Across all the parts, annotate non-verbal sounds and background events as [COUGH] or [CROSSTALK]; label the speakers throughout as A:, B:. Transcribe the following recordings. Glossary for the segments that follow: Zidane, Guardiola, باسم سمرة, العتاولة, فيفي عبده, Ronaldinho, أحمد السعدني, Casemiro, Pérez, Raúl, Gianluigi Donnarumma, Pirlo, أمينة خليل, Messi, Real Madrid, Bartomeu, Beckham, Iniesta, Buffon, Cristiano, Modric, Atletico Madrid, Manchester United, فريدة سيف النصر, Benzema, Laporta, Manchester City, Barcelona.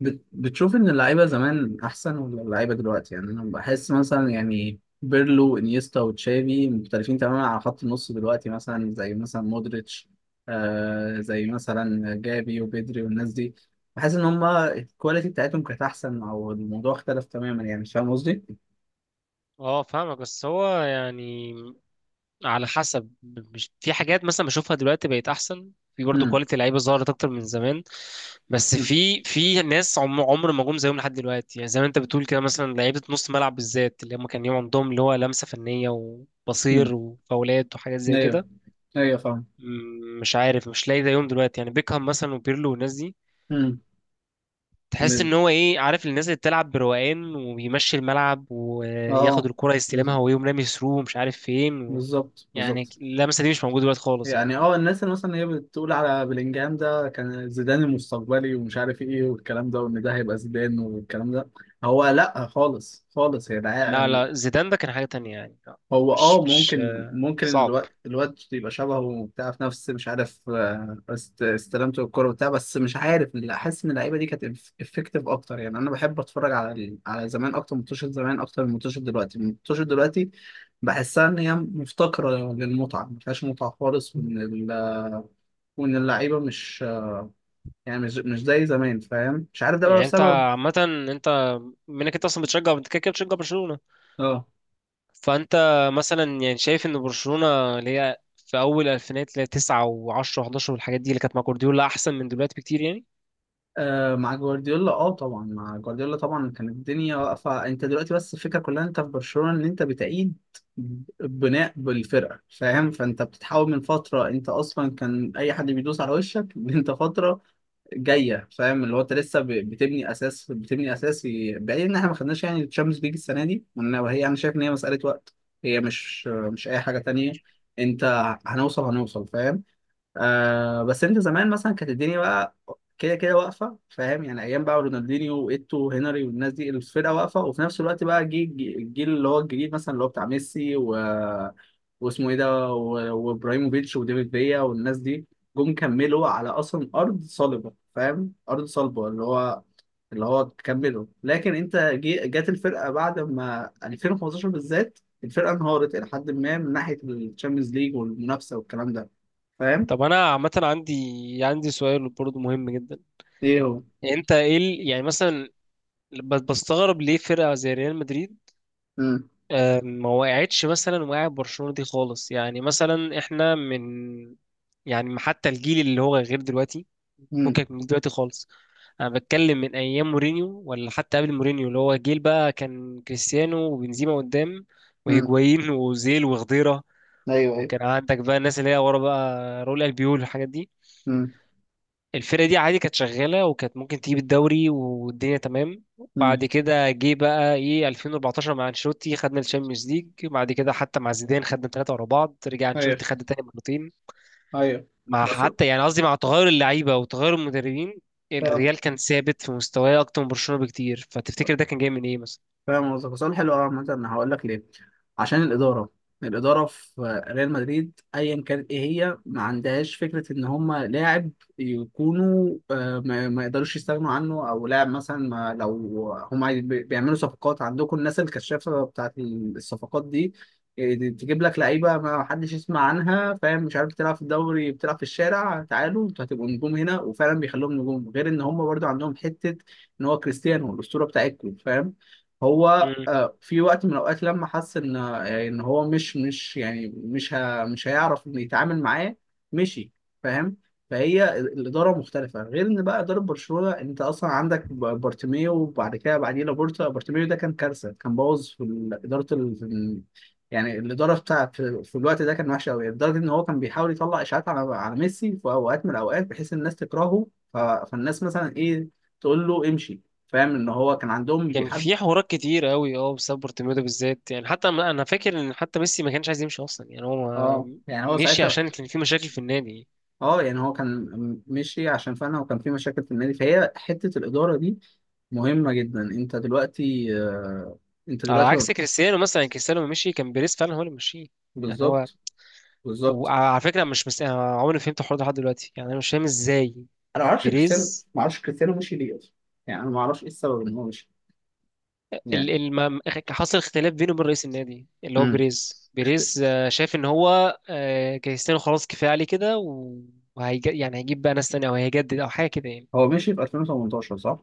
A: بتشوف ان اللعيبه زمان احسن ولا اللعيبه دلوقتي، يعني انا بحس مثلا، يعني بيرلو انيستا وتشافي مختلفين تماما على خط النص دلوقتي، مثلا زي مثلا مودريتش، زي مثلا جافي وبيدري والناس دي. بحس ان هما الكواليتي بتاعتهم كانت احسن، او الموضوع اختلف تماما، يعني مش فاهم قصدي؟
B: اه فاهمك، بس هو يعني على حسب. مش في حاجات مثلا بشوفها دلوقتي بقت احسن، في برضه
A: امم
B: كواليتي لعيبه ظهرت اكتر من زمان. بس في ناس عمر ما جم زيهم لحد دلوقتي، يعني زي ما انت بتقول كده، مثلا لعيبه نص ملعب بالذات، اللي هم كان يوم عندهم اللي هو لمسه فنيه وبصير
A: امم
B: وفاولات وحاجات زي
A: ايوه،
B: كده.
A: ايوه فاهم.
B: مش عارف، مش لاقي زيهم دلوقتي، يعني بيكهام مثلا وبيرلو والناس دي. تحس
A: امم
B: ان هو ايه، عارف، الناس اللي بتلعب بروقان وبيمشي الملعب وياخد
A: اه
B: الكرة يستلمها ويقوم رامي ثرو مش عارف فين.
A: بالظبط
B: يعني
A: بالظبط.
B: اللمسه دي مش موجوده دلوقتي خالص يعني.
A: يعني اه الناس اللي مثلا هي بتقول على بلينجهام ده كان زيدان المستقبلي ومش عارف ايه والكلام ده، وان ده هيبقى زيدان والكلام ده. هو لا، خالص خالص يا
B: لا
A: العقل.
B: لا، زيدان ده كان حاجه تانية يعني، لا.
A: هو
B: مش
A: اه،
B: مش
A: ممكن
B: آه،
A: ممكن
B: صعب.
A: الواد يبقى شبهه وبتاع في نفس، مش عارف، استلامته الكوره وبتاع، بس مش عارف، لا، احس ان اللعيبه دي كانت افكتيف اكتر. يعني انا بحب اتفرج على على زمان اكتر من منتشر، زمان اكتر من منتشر دلوقتي، منتشر دلوقتي. بحسها ان هي مفتقره للمتعه، ما فيهاش متعه خالص، وان اللعيبه مش، يعني مش زي زمان، فاهم؟ مش عارف ده بقى
B: يعني انت
A: بسبب،
B: عامه، انت منك انت اصلا بتشجع، انت كده كده بتشجع برشلونه،
A: اه.
B: فانت مثلا يعني شايف ان برشلونه اللي هي في اول الفينات اللي هي 9 و10 و11 والحاجات دي اللي كانت مع جوارديولا احسن من دلوقتي بكتير يعني.
A: آه مع جوارديولا، اه طبعا مع جوارديولا طبعا كانت الدنيا واقفه. انت دلوقتي بس الفكره كلها، انت في برشلونه ان انت بتعيد بناء بالفرقه، فاهم؟ فانت بتتحول من فتره، انت اصلا كان اي حد بيدوس على وشك [LAUGHS] انت فتره جايه، فاهم؟ اللي هو انت لسه بتبني اساس، بتبني اساس، بعيد ان احنا ما خدناش يعني الشامبيونز ليج السنه دي، وهي انا شايف ان هي مساله وقت. هي مش اي حاجه تانية. انت هنوصل، هنوصل، فاهم؟ آه، بس انت زمان مثلا كانت الدنيا بقى كده كده واقفه، فاهم؟ يعني ايام بقى رونالدينيو وايتو وهنري والناس دي، الفرقه واقفه، وفي نفس الوقت بقى جه الجيل اللي هو الجديد، مثلا اللي هو بتاع ميسي و... واسمه ايه ده، وابراهيموفيتش وديفيد فيا والناس دي، جم كملوا على اصلا ارض صلبه، فاهم؟ ارض صلبه، اللي هو كملوا. لكن انت جت الفرقه بعد ما 2015 بالذات الفرقه انهارت الى حد ما من ناحيه الشامبيونز ليج والمنافسه والكلام ده، فاهم؟
B: طب انا عامه، عندي سؤال برضه مهم جدا.
A: ايه هو؟
B: يعني انت ايه يعني مثلا بستغرب ليه فرقه زي ريال مدريد
A: امم
B: ما وقعتش مثلا وقع برشلونة دي خالص؟ يعني مثلا احنا من، يعني حتى الجيل اللي هو غير دلوقتي،
A: امم
B: فكك من دلوقتي خالص. انا بتكلم من ايام مورينيو، ولا حتى قبل مورينيو، اللي هو جيل بقى كان كريستيانو وبنزيما قدام
A: امم
B: وهيجوايين وزيل وخضيرة،
A: ايوه ايوه.
B: وكان عندك بقى الناس اللي هي ورا بقى راؤول البيول والحاجات دي.
A: هه،
B: الفرقة دي عادي كانت شغالة وكانت ممكن تجيب الدوري والدنيا تمام. بعد كده جه بقى ايه 2014 مع انشيلوتي خدنا الشامبيونز ليج، بعد كده حتى مع زيدان خدنا ثلاثة ورا بعض، رجع
A: هيه،
B: انشيلوتي خد تاني مرتين،
A: هيه،
B: مع
A: بس
B: حتى يعني قصدي مع تغير اللعيبة وتغير المدربين.
A: أنا
B: الريال كان ثابت في مستواه أكتر من برشلونة بكتير، فتفتكر ده كان جاي من ايه مثلا؟
A: فاهم قصدك. سؤال حلو قوي، مثلا هقول لك ليه. عشان الاداره، الاداره في ريال مدريد ايا كانت، ايه هي ما عندهاش فكره ان هم لاعب يكونوا، آه، ما يقدروش يستغنوا عنه، او لاعب مثلا ما لو هم بيعملوا صفقات، عندكم الناس الكشافه بتاعت الصفقات دي، آه، دي تجيب لك لعيبه ما حدش يسمع عنها، فاهم؟ مش عارف، تلعب في الدوري، بتلعب في الشارع، تعالوا انتوا هتبقوا نجوم هنا، وفعلا بيخلوهم نجوم. غير ان هم برضو عندهم حته ان هو كريستيانو الاسطوره بتاعتكم، فاهم؟ هو
B: مم.
A: آه، في وقت من الاوقات لما حس ان آه، ان هو مش مش يعني مش هيعرف ان يتعامل معاه، مشي، فاهم؟ فهي الاداره مختلفه، غير ان بقى اداره برشلونه، انت اصلا عندك بارتيميو وبعد كده بعديه لابورتا. بارتيميو ده كان كارثه، كان بوظ في اداره في يعني الاداره بتاع في الوقت ده كان وحشه قوي، لدرجه ان هو كان بيحاول يطلع اشاعات على ميسي في اوقات من الاوقات بحيث الناس تكرهه. فالناس مثلا ايه، تقول له امشي، فاهم؟ ان هو كان عندهم
B: كان
A: بيحب.
B: في حوارات كتير قوي اه بسبب بورتوميو ده بالذات، يعني حتى أنا فاكر ان حتى ميسي ما كانش عايز يمشي اصلا، يعني هو
A: اه يعني هو
B: مشي
A: ساعتها،
B: عشان كان في مشاكل في النادي.
A: اه يعني هو كان مشي عشان فعلا وكان في مشاكل في النادي. فهي حتة الإدارة دي مهمة جدا. انت دلوقتي آه، انت
B: على
A: دلوقتي
B: عكس كريستيانو مثلا، يعني كريستيانو لما مشي كان بيريز فعلا هو اللي مشيه، يعني هو.
A: بالظبط بالظبط.
B: وعلى فكره مش مس... يعني انا عمري ما فهمت الحوار ده لحد دلوقتي، يعني انا مش فاهم ازاي
A: انا ما اعرفش كريستيانو،
B: بيريز.
A: ما اعرفش كريستيانو مشي ليه اصلا، يعني انا ما اعرفش ايه السبب ان هو مشي يعني.
B: ال... ال... ما... حصل اختلاف بينه وبين رئيس النادي اللي هو
A: امم،
B: بيريز. بيريز شايف ان هو كريستيانو خلاص كفايه عليه كده، يعني هيجيب بقى ناس تانية او هيجدد او حاجه كده يعني.
A: هو مشي في 2018 صح؟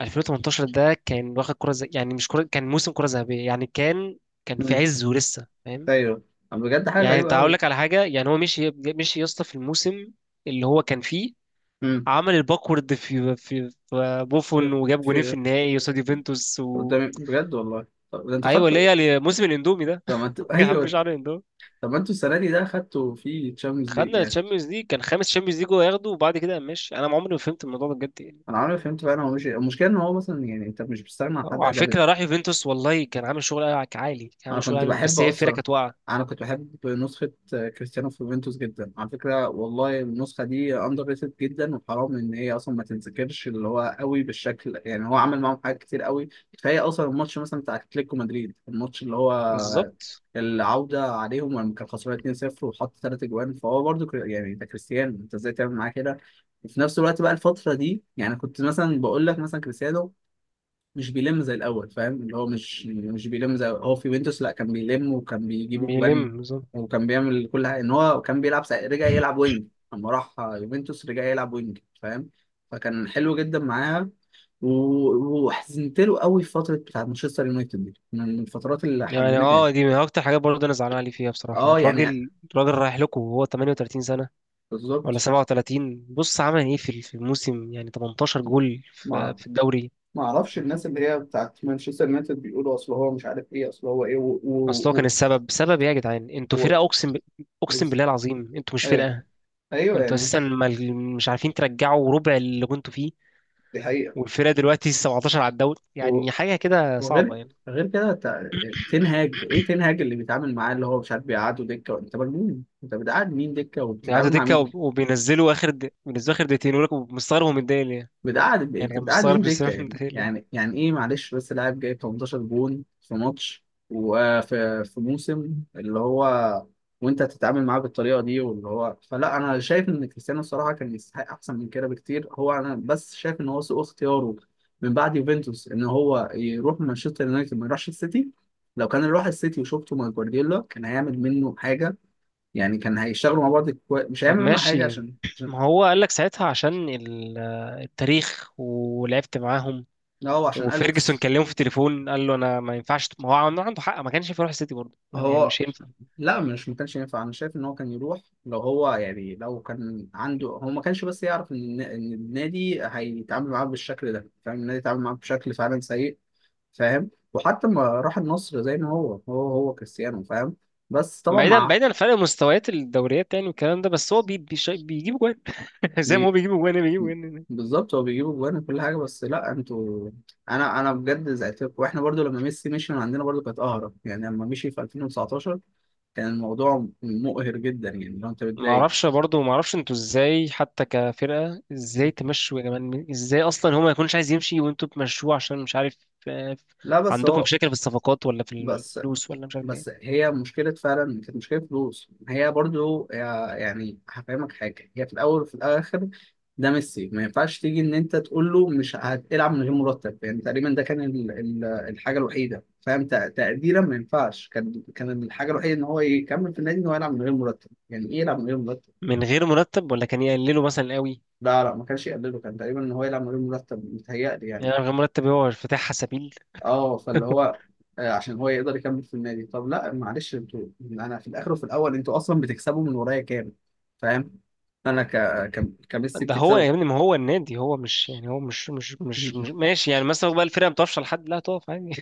B: 2018 ده كان واخد كره يعني مش كره، كان موسم كره ذهبيه يعني، كان كان في
A: امم.
B: عزه لسه فاهم.
A: ايوه، بجد حاجة
B: يعني انت
A: غريبة
B: هقول
A: قوي.
B: لك على حاجه، يعني هو مشي مشي يا اسطى في الموسم اللي هو كان فيه،
A: امم.
B: عمل الباكورد في,
A: في
B: بوفون وجاب جونين في
A: في-
B: النهائي قصاد
A: في-
B: يوفنتوس و...
A: قدامي بجد والله، طب ده انت
B: ايوه، اللي
A: خدت،
B: هي موسم الاندومي ده.
A: طب ما انت
B: [LAUGHS] يا عم
A: ايوه،
B: شعر الاندومي.
A: طب ما انتوا السنه دي ده خدتوا فيه تشامبيونز ليج.
B: خدنا الشامبيونز ليج، كان خامس شامبيونز ليج هو ياخده، وبعد كده ماشي. انا عمري ما فهمت الموضوع ده بجد يعني.
A: انا عمري ما فهمت فعلا، هو مش المشكله ان هو مثلا يعني انت مش بتستغنى عن حد
B: وعلى
A: ادبته.
B: فكره راح يوفنتوس، والله كان عامل شغل عالي، كان
A: انا
B: عامل شغل
A: كنت
B: عالي،
A: بحب
B: بس هي الفرقه
A: اصلا،
B: كانت واقعه.
A: انا كنت بحب نسخه آه، كريستيانو في يوفنتوس جدا على فكره والله، النسخه دي اندر ريتد جدا، وحرام ان هي اصلا ما تنذكرش. اللي هو قوي بالشكل، يعني هو عمل معاهم حاجات كتير قوي، كفايه اصلا الماتش مثلا بتاع اتلتيكو مدريد، الماتش اللي هو
B: بالظبط.
A: العودة عليهم لما كان خسران 2-0 وحط ثلاث اجوان. فهو برضو يعني انت كريستيانو انت ازاي تعمل معاه كده؟ وفي نفس الوقت بقى الفترة دي، يعني كنت مثلا بقول لك مثلا كريستيانو مش بيلم زي الاول، فاهم؟ اللي هو مش مش بيلم زي، هو في يوفنتوس لا كان بيلم وكان بيجيب اجوان
B: بيلم بالظبط.
A: وكان بيعمل كل حاجه، ان هو كان بيلعب رجع يلعب وينج، لما راح يوفنتوس رجع يلعب وينج، فاهم؟ فكان حلو جدا معاها. وحزنت له قوي في فتره بتاعت مانشستر يونايتد، دي من الفترات اللي
B: يعني
A: حزنتني يعني.
B: اه، دي من اكتر حاجات برضه انا زعلان عليه فيها بصراحه،
A: اه يعني
B: الراجل الراجل رايح لكم وهو 38 سنه ولا
A: بالظبط.
B: 37، بص عمل ايه في ال- في الموسم؟ يعني 18 جول
A: ما
B: في الدوري.
A: ما اعرفش الناس اللي هي بتاعت مانشستر يونايتد بيقولوا اصل هو مش عارف ايه اصل هو ايه
B: اصل هو كان السبب، سبب ايه يا جدعان،
A: و...
B: انتوا فرقه، اقسم ب...
A: و...
B: اقسم بالله العظيم انتوا مش
A: ايوه
B: فرقه،
A: ايوه
B: انتوا
A: يعني،
B: اساسا ما... مش عارفين ترجعوا ربع اللي كنتوا فيه،
A: دي حقيقة.
B: والفرقه دلوقتي 17 على الدوري،
A: و-
B: يعني حاجه كده صعبه
A: وغير،
B: يعني.
A: غير كده تنهاج ايه، تنهاج اللي بيتعامل معاه اللي هو مش عارف بيقعده دكه، انت مجنون؟ انت بتقعد مين دكه
B: بيقعدوا
A: وبتتعامل مع
B: دكه،
A: مين؟
B: وبينزلوا اخر د... بينزلوا اخر دقيقتين، يقول لك مستغرب هو متضايق ليه.
A: بتقعد،
B: يعني
A: انت
B: كان
A: بتقعد
B: مستغرب
A: مين دكه؟
B: كريستيانو [LAUGHS]
A: يعني
B: متضايق ليه.
A: يعني يعني ايه؟ معلش بس لاعب جايب 18 جون في ماتش وفي في موسم اللي هو، وانت تتعامل معاه بالطريقه دي، واللي هو فلا انا شايف ان كريستيانو الصراحه كان يستحق احسن من كده بكتير. هو انا بس شايف ان هو سوء اختياره من بعد يوفنتوس ان هو يروح مانشستر يونايتد ما يروحش السيتي. لو كان راح السيتي وشفته مع جوارديولا كان هيعمل منه حاجه، يعني كان هيشتغلوا مع بعض، مش
B: طب
A: هيعمل منه حاجه
B: ماشي،
A: عشان
B: ما هو قال لك ساعتها عشان التاريخ ولعبت معاهم،
A: لا، هو عشان
B: وفيرجسون
A: اليكس.
B: كلمه في التليفون قال له انا ما ينفعش، ما هو عنده، عنده حق، ما كانش ينفع يروح السيتي برضه، ما هو يعني
A: هو
B: مش هينفع.
A: لا، مش ما كانش ينفع، انا شايف ان هو كان يروح. لو هو يعني لو كان عنده، هو ما كانش بس يعرف ان إن النادي هيتعامل معاه بالشكل ده، فاهم؟ النادي اتعامل معاه بشكل فعلا سيء، فاهم؟ وحتى ما راح النصر زي ما هو، هو كريستيانو، فاهم؟ بس طبعا
B: بعيدا
A: مع
B: بعيدا عن فرق مستويات الدوريات يعني والكلام ده، بس هو بيجيب جوان [LAUGHS] زي ما هو
A: بي...
B: بيجيب جوان، هي بيجيب جوان.
A: بالظبط، هو بيجيب اجوان وكل حاجه، بس لا انتوا، انا بجد زعلت لكم. واحنا برضو لما ميسي مشي من عندنا برضو كانت قهره، يعني لما مشي في 2019 كان الموضوع مقهر جدا، يعني لو انت
B: ما
A: بتضايق.
B: اعرفش برضه، ما اعرفش انتوا ازاي حتى كفرقه ازاي تمشوا يا جماعه، ازاي اصلا هو ما يكونش عايز يمشي وانتوا تمشوه عشان مش عارف، آه،
A: لا بس
B: عندكم
A: هو،
B: مشاكل في الصفقات، ولا في
A: بس،
B: الفلوس، ولا مش عارف
A: بس
B: ايه،
A: هي مشكلة فعلا كانت مشكلة فلوس. هي برضو يعني هفهمك حاجة، هي في الأول وفي الآخر، ده ميسي ما ينفعش تيجي إن أنت تقول له مش هتلعب من غير مرتب، يعني تقريبا ده كان الحاجة الوحيدة، فاهم؟ تقديرا، ما ينفعش، كان الحاجة الوحيدة إن هو يكمل في النادي إن هو يلعب من غير مرتب. يعني إيه يلعب من غير مرتب؟
B: من غير مرتب ولا كان يقللوا مثلا قوي؟
A: لا، ما كانش يقلله، كان تقريبا إن هو يلعب من غير مرتب، متهيألي يعني.
B: يعني من غير مرتب هو افتتاح سبيل.
A: اه، فاللي هو آه، عشان هو يقدر يكمل في النادي. طب لا معلش، انتوا انا في الاخر وفي الاول انتوا اصلا بتكسبوا من ورايا كام؟ فاهم؟ انا كميسي
B: ده هو
A: بتكسبوا.
B: يا ابني، ما هو النادي هو مش، يعني هو مش
A: [LAUGHS]
B: ماشي يعني، مثلا بقى الفرقه بتفشل لحد لا تقف عادي.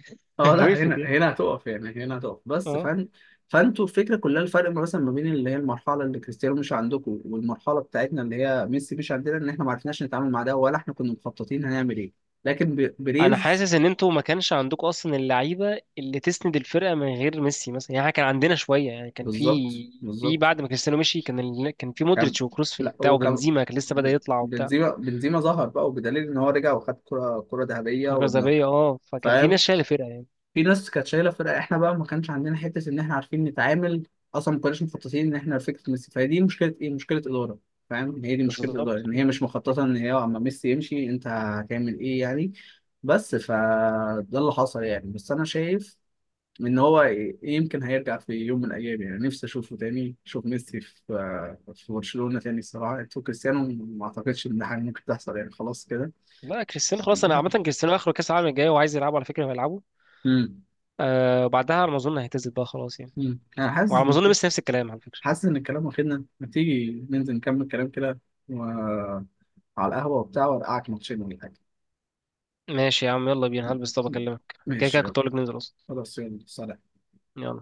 A: اه
B: [LAUGHS]
A: لا،
B: وقفت
A: هنا،
B: يعني.
A: هنا هتقف، يعني هنا هتقف بس
B: اه.
A: فن. فانتوا الفكره كلها، الفرق مثلا ما بين اللي هي المرحله اللي كريستيانو مش عندكم والمرحله بتاعتنا اللي هي ميسي مش عندنا، ان احنا ما عرفناش نتعامل مع ده، ولا احنا كنا مخططين هنعمل ايه. لكن
B: انا
A: بريز،
B: حاسس ان انتوا ما كانش عندكم اصلا اللعيبه اللي تسند الفرقه من غير ميسي مثلا، يعني إحنا كان عندنا شويه، يعني كان في
A: بالظبط
B: في
A: بالظبط.
B: بعد ما كريستيانو مشي كان في
A: كان
B: مودريتش وكروس في
A: لا
B: البتاع،
A: هو كان
B: وبنزيما كان لسه بدأ يطلع وبتاع
A: بنزيما، بنزيما ظهر بقى، وبدليل ان هو رجع وخد كرة، كرة ذهبية، وانه،
B: كازابيه اه، فكان في ناس
A: فاهم؟
B: شايله الفرقه يعني.
A: في ناس كانت شايلة فرقة. احنا بقى ما كانش عندنا حتة ان احنا عارفين نتعامل، اصلا ما كناش مخططين ان احنا فكرة ميسي. فهي دي مشكلة ايه؟ مشكلة إدارة، فاهم؟ هي دي مشكلة إدارة،
B: بالظبط.
A: ان هي مش مخططة ان هي اما ميسي يمشي انت هتعمل ايه يعني. بس فده اللي حصل يعني، بس انا شايف ان هو يمكن هيرجع في يوم من الايام، يعني نفسي اشوفه تاني، اشوف ميسي في آه، في برشلونة تاني الصراحة. انتوا كريستيانو ما اعتقدش ان حاجة ممكن تحصل يعني، خلاص كده.
B: لا كريستيانو خلاص، انا عامه
A: [LAUGHS]
B: كريستيانو اخره كاس العالم الجاي وعايز يلعبه، على فكره هيلعبه،
A: امم.
B: آه وبعدها على ما اظن هيعتزل بقى خلاص يعني،
A: أمم. انا حاسس
B: وعلى ما
A: ان
B: اظن بس نفس الكلام على فكره.
A: حاسس ان الكلام واخدنا، ما تيجي ننزل نكمل كلام كده و... على القهوة وبتاع، وارقعك ماتشين ولا حاجة.
B: ماشي يا عم يلا بينا هلبس، طب اكلمك. كده
A: ماشي
B: كده
A: يلا.
B: كنت اقول لك ننزل اصلا.
A: خلاص يلا، سلام.
B: يلا.